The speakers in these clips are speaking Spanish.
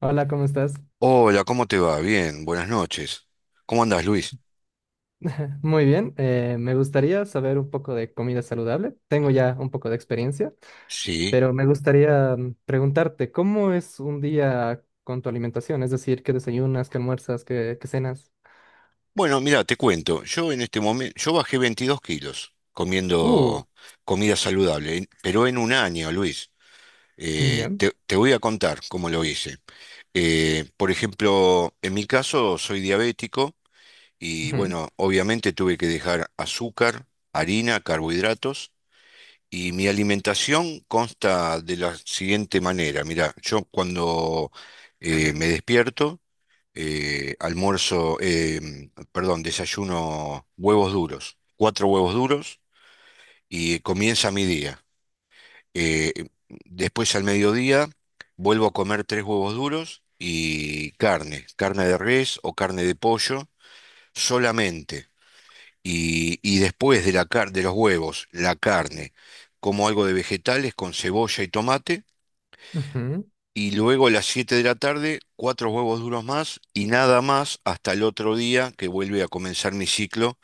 Hola, ¿cómo estás? Hola, ¿cómo te va? Bien, buenas noches. ¿Cómo andás, Luis? Muy bien, me gustaría saber un poco de comida saludable. Tengo ya un poco de experiencia, Sí. pero me gustaría preguntarte, ¿cómo es un día con tu alimentación? Es decir, ¿qué desayunas, qué almuerzas, qué cenas? Bueno, mira, te cuento. Yo en este momento, yo bajé 22 kilos Uh, comiendo comida saludable, pero en un año, Luis. Eh, ya. te, te voy a contar cómo lo hice. Por ejemplo, en mi caso soy diabético y Ujú. bueno, obviamente tuve que dejar azúcar, harina, carbohidratos. Y mi alimentación consta de la siguiente manera. Mira, yo cuando me despierto, almuerzo, perdón, desayuno huevos duros, cuatro huevos duros y comienza mi día. Eh, Después al mediodía vuelvo a comer tres huevos duros y carne, carne de res o carne de pollo solamente. Y después de la de los huevos, la carne, como algo de vegetales con cebolla y tomate. Ujú. Y luego a las 7 de la tarde, cuatro huevos duros más y nada más hasta el otro día que vuelve a comenzar mi ciclo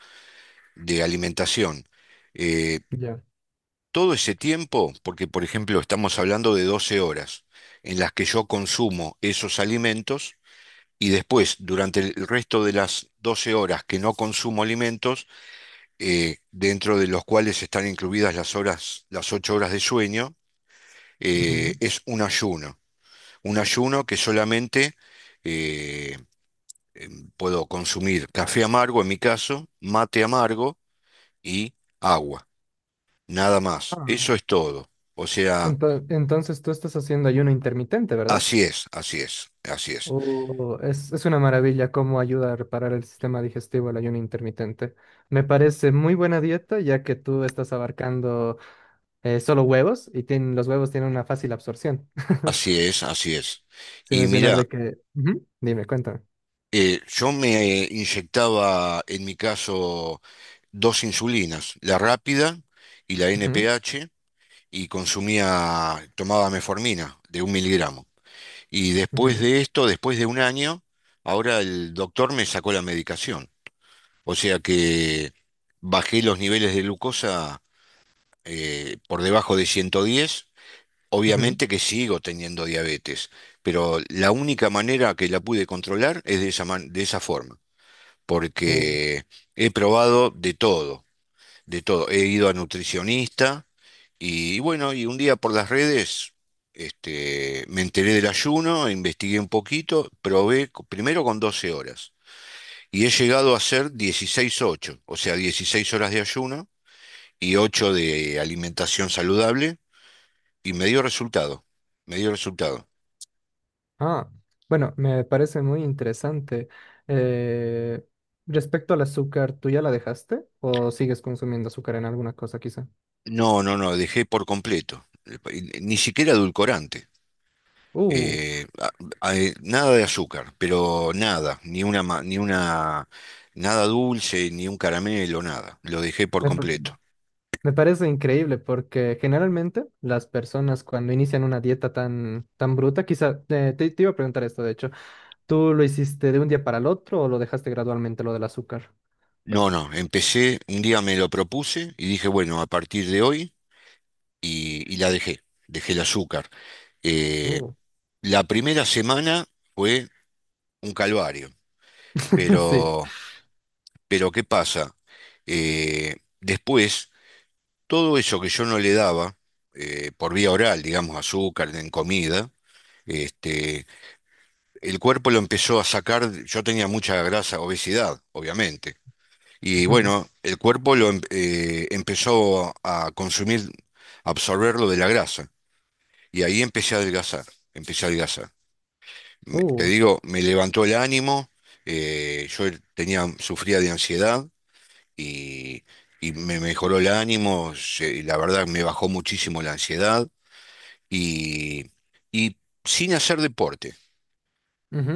de alimentación. Eh, Ya. Todo ese tiempo, porque por ejemplo estamos hablando de 12 horas en las que yo consumo esos alimentos y después durante el resto de las 12 horas que no consumo alimentos, dentro de los cuales están incluidas las 8 horas de sueño, Ujú. es un ayuno. Un ayuno que solamente eh, puedo consumir café amargo, en mi caso, mate amargo y agua. Nada más. Ah. Eso es todo. O sea, Entonces tú estás haciendo ayuno intermitente, ¿verdad? así es, así es, así es, es una maravilla cómo ayuda a reparar el sistema digestivo el ayuno intermitente. Me parece muy buena dieta ya que tú estás abarcando solo huevos y los huevos tienen una fácil absorción. así es, así es. Sin Y mencionar mira, de que. Ujú. Dime, cuéntame. Yo me inyectaba, en mi caso, dos insulinas, la rápida y la Ujú. NPH y consumía, tomaba meformina de un miligramo. Y después Ujú. de esto, después de un año, ahora el doctor me sacó la medicación. O sea que bajé los niveles de glucosa por debajo de 110. Ujú. Obviamente que sigo teniendo diabetes, pero la única manera que la pude controlar es de esa, de esa forma, Uh, porque he probado de todo, de todo. He ido a nutricionista y, bueno, y un día por las redes este, me enteré del ayuno, investigué un poquito, probé primero con 12 horas y he llegado a hacer 16/8, o sea, 16 horas de ayuno y 8 de alimentación saludable y me dio resultado, me dio resultado. Ah, bueno, me parece muy interesante. Eh, Respecto al azúcar, ¿tú ya la dejaste o sigues consumiendo azúcar en alguna cosa quizá? No, no, no, dejé por completo, ni siquiera edulcorante. Uh, eh, a- Nada de azúcar, pero nada, ni una, ni una, nada dulce, ni un caramelo, nada. Lo dejé por me, completo. Me parece increíble porque generalmente las personas cuando inician una dieta tan, tan bruta, quizá te iba a preguntar esto, de hecho, ¿tú lo hiciste de un día para el otro o lo dejaste gradualmente lo del azúcar? No, no, empecé, un día me lo propuse y dije, bueno, a partir de hoy, y la dejé, dejé el azúcar. Eh, Uh, la primera semana fue un calvario, sí. pero, pero ¿qué pasa? Después, todo eso que yo no le daba, por vía oral, digamos, azúcar en comida, este, el cuerpo lo empezó a sacar, yo tenía mucha grasa, obesidad, obviamente. Y Ujú. bueno, el cuerpo lo empezó a consumir, a absorber lo de la grasa. Y ahí empecé a adelgazar, empecé a adelgazar. Te Uh. digo, me levantó el ánimo, yo tenía, sufría de ansiedad y, y me mejoró el ánimo, y la verdad me bajó muchísimo la ansiedad y, y sin hacer deporte.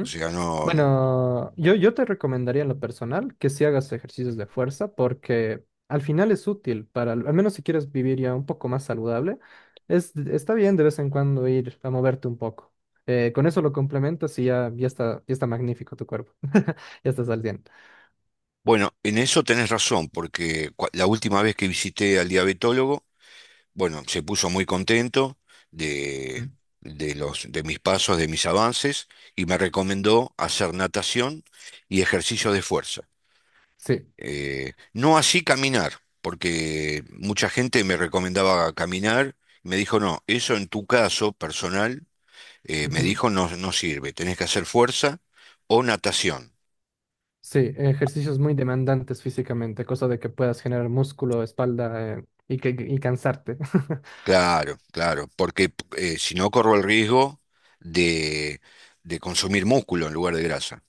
O sea, no. Bueno, yo te recomendaría en lo personal que si hagas ejercicios de fuerza porque al final es útil para, al menos si quieres vivir ya un poco más saludable, está bien de vez en cuando ir a moverte un poco. Con eso lo complementas y ya, ya está magnífico tu cuerpo. Ya estás al día. Bueno, en eso tenés razón, porque la última vez que visité al diabetólogo, bueno, se puso muy contento de, Mm. de los, de mis pasos, de mis avances, y me recomendó hacer natación y ejercicio de fuerza. Sí. No así caminar, porque mucha gente me recomendaba caminar, me dijo, no, eso en tu caso personal, me Ujú. dijo, no, no sirve, tenés que hacer fuerza o natación. Sí, ejercicios muy demandantes físicamente, cosa de que puedas generar músculo, espalda, y cansarte. Claro, claro, porque si no corro el riesgo de, de consumir músculo en lugar de grasa.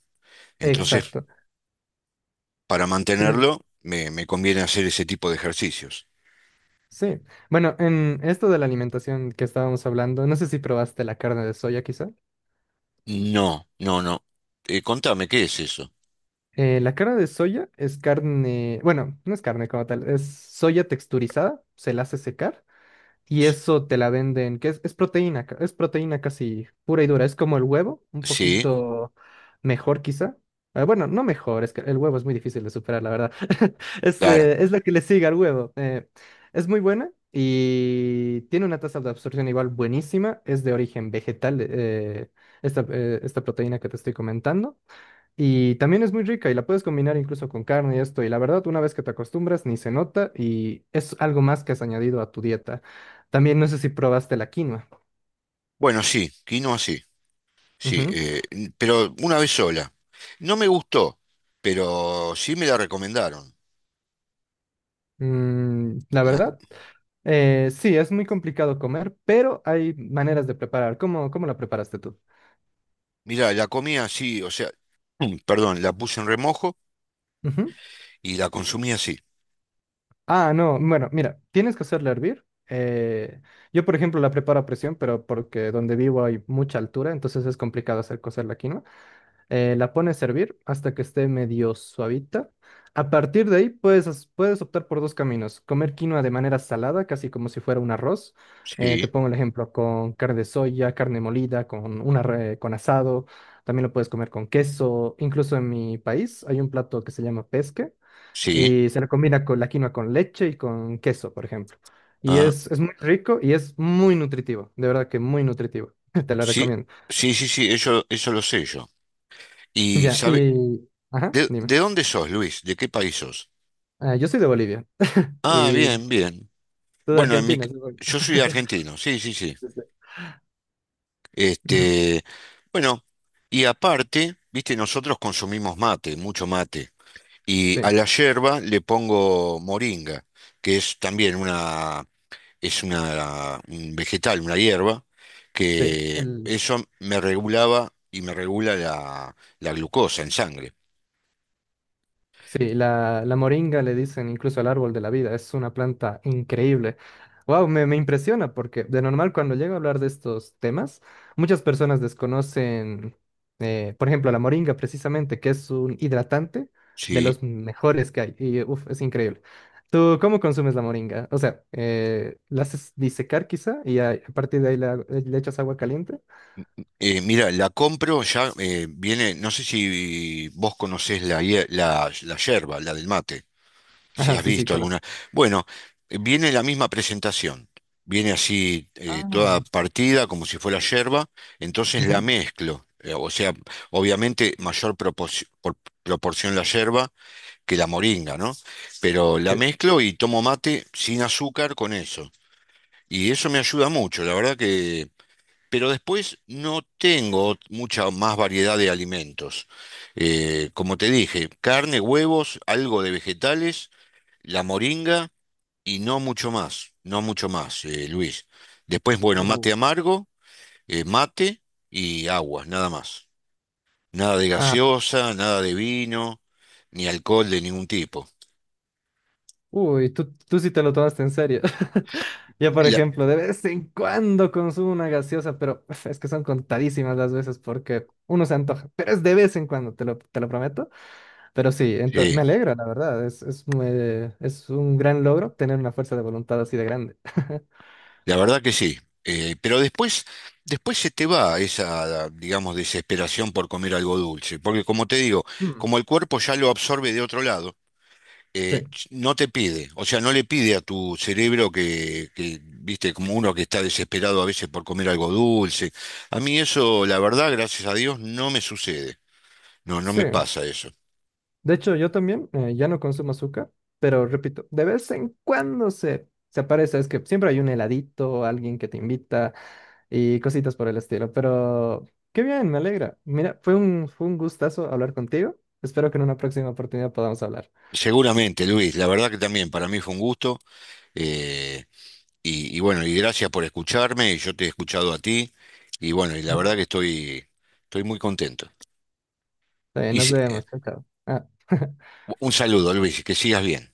Entonces, Exacto. para Sí, sí. mantenerlo, me conviene hacer ese tipo de ejercicios. Sí. Bueno, en esto de la alimentación que estábamos hablando, no sé si probaste la carne de soya quizá. No, no, no. Contame, ¿qué es eso? La carne de soya es carne, bueno, no es carne como tal, es soya texturizada, se la hace secar. Y eso te la venden, que es proteína, es proteína casi pura y dura. Es como el huevo, un Sí, poquito mejor quizá. Bueno, no mejor, es que el huevo es muy difícil de superar, la verdad. Es, claro. eh, es lo que le sigue al huevo. Es muy buena y tiene una tasa de absorción igual buenísima. Es de origen vegetal, esta proteína que te estoy comentando. Y también es muy rica y la puedes combinar incluso con carne y esto. Y la verdad, una vez que te acostumbras, ni se nota y es algo más que has añadido a tu dieta. También no sé si probaste la quinoa. Bueno, sí, quinoa sí, sí, Ujú. Pero una vez sola. No me gustó, pero sí me la recomendaron. La La, verdad, sí, es muy complicado comer, pero hay maneras de preparar. ¿Cómo, cómo la preparaste tú? Mira, la comí así, o sea, perdón, la puse en remojo Ujú. y la consumí así. Ah, no, bueno, mira, tienes que hacerla hervir. Eh, yo, por ejemplo, la preparo a presión, pero porque donde vivo hay mucha altura, entonces es complicado hacer cocer la quinoa. La pones a hervir hasta que esté medio suavita. A partir de ahí puedes optar por dos caminos. Comer quinoa de manera salada, casi como si fuera un arroz. Te Sí, pongo el ejemplo con carne de soya, carne molida, con asado. También lo puedes comer con queso. Incluso en mi país hay un plato que se llama pesque sí. y se le combina con la quinoa con leche y con queso, por ejemplo. Y Ah, es muy rico y es muy nutritivo. De verdad que muy nutritivo. Te la sí, recomiendo. sí, sí, sí, eso lo sé yo. Y Ya, sabe, y... Ajá, ¿de, dime. de dónde sos, Luis? ¿De qué país sos? Ah, yo soy de Bolivia Ah, y bien, bien. tú de Bueno, Argentina, supongo. yo soy argentino, sí, sí, sí. Sí, Este, bueno, y aparte, viste, nosotros consumimos mate, mucho mate. Y sí, a la yerba le pongo moringa, que es también una, es una, un vegetal, una hierba, sí, que el, eso me regulaba y me regula la glucosa en sangre. sí, la moringa le dicen incluso el árbol de la vida, es una planta increíble. Wow, me impresiona porque de normal cuando llego a hablar de estos temas, muchas personas desconocen, por ejemplo, la moringa precisamente, que es un hidratante de Sí. los mejores que hay y uf, es increíble. ¿Tú cómo consumes la moringa? O sea, ¿la haces disecar quizá y a partir de ahí le echas agua caliente? Mira, la compro ya, viene, no sé si vos conocés la yerba, la del mate, si Ajá, has sí, sí, visto conozco. alguna. Bueno, viene la misma presentación. Viene así Ah. toda partida como si fuera yerba, entonces la Ujú, mezclo. O sea, obviamente mayor proporción la yerba que la moringa, ¿no? Pero la sí. mezclo y tomo mate sin azúcar con eso. Y eso me ayuda mucho, la verdad que... pero después no tengo mucha más variedad de alimentos. Como te dije, carne, huevos, algo de vegetales, la moringa y no mucho más, no mucho más, Luis. Después, bueno, Uh, mate amargo, mate y agua, nada más. Nada de Ah, gaseosa, nada de vino, ni alcohol de ningún tipo. Uy, tú sí te lo tomaste en serio. Yo, por La- ejemplo, de vez en cuando consumo una gaseosa, pero uf, es que son contadísimas las veces porque uno se antoja, pero es de vez en cuando, te lo prometo. Pero sí, sí. me alegra, la verdad, es un gran logro tener una fuerza de voluntad así de grande. La verdad que sí. Pero después, después se te va esa, digamos, desesperación por comer algo dulce. Porque como te digo, Mm. como el cuerpo ya lo absorbe de otro lado, Sí, no te pide, o sea, no le pide a tu cerebro que, viste, como uno que está desesperado a veces por comer algo dulce. A mí eso, la verdad, gracias a Dios, no me sucede. No, no me sí. pasa eso. De hecho, yo también ya no consumo azúcar, pero repito, de vez en cuando se aparece, es que siempre hay un heladito, alguien que te invita. Y cositas por el estilo. Pero qué bien, me alegra. Mira, fue un gustazo hablar contigo. Espero que en una próxima oportunidad podamos hablar. Seguramente, Luis, la verdad que también para mí fue un gusto. Eh, y bueno, y gracias por escucharme, y yo te he escuchado a ti, y bueno, y la Ujú. verdad que estoy, estoy muy contento. Está bien, Y nos si- vemos. Chao, chao. Ah. un saludo, Luis, que sigas bien.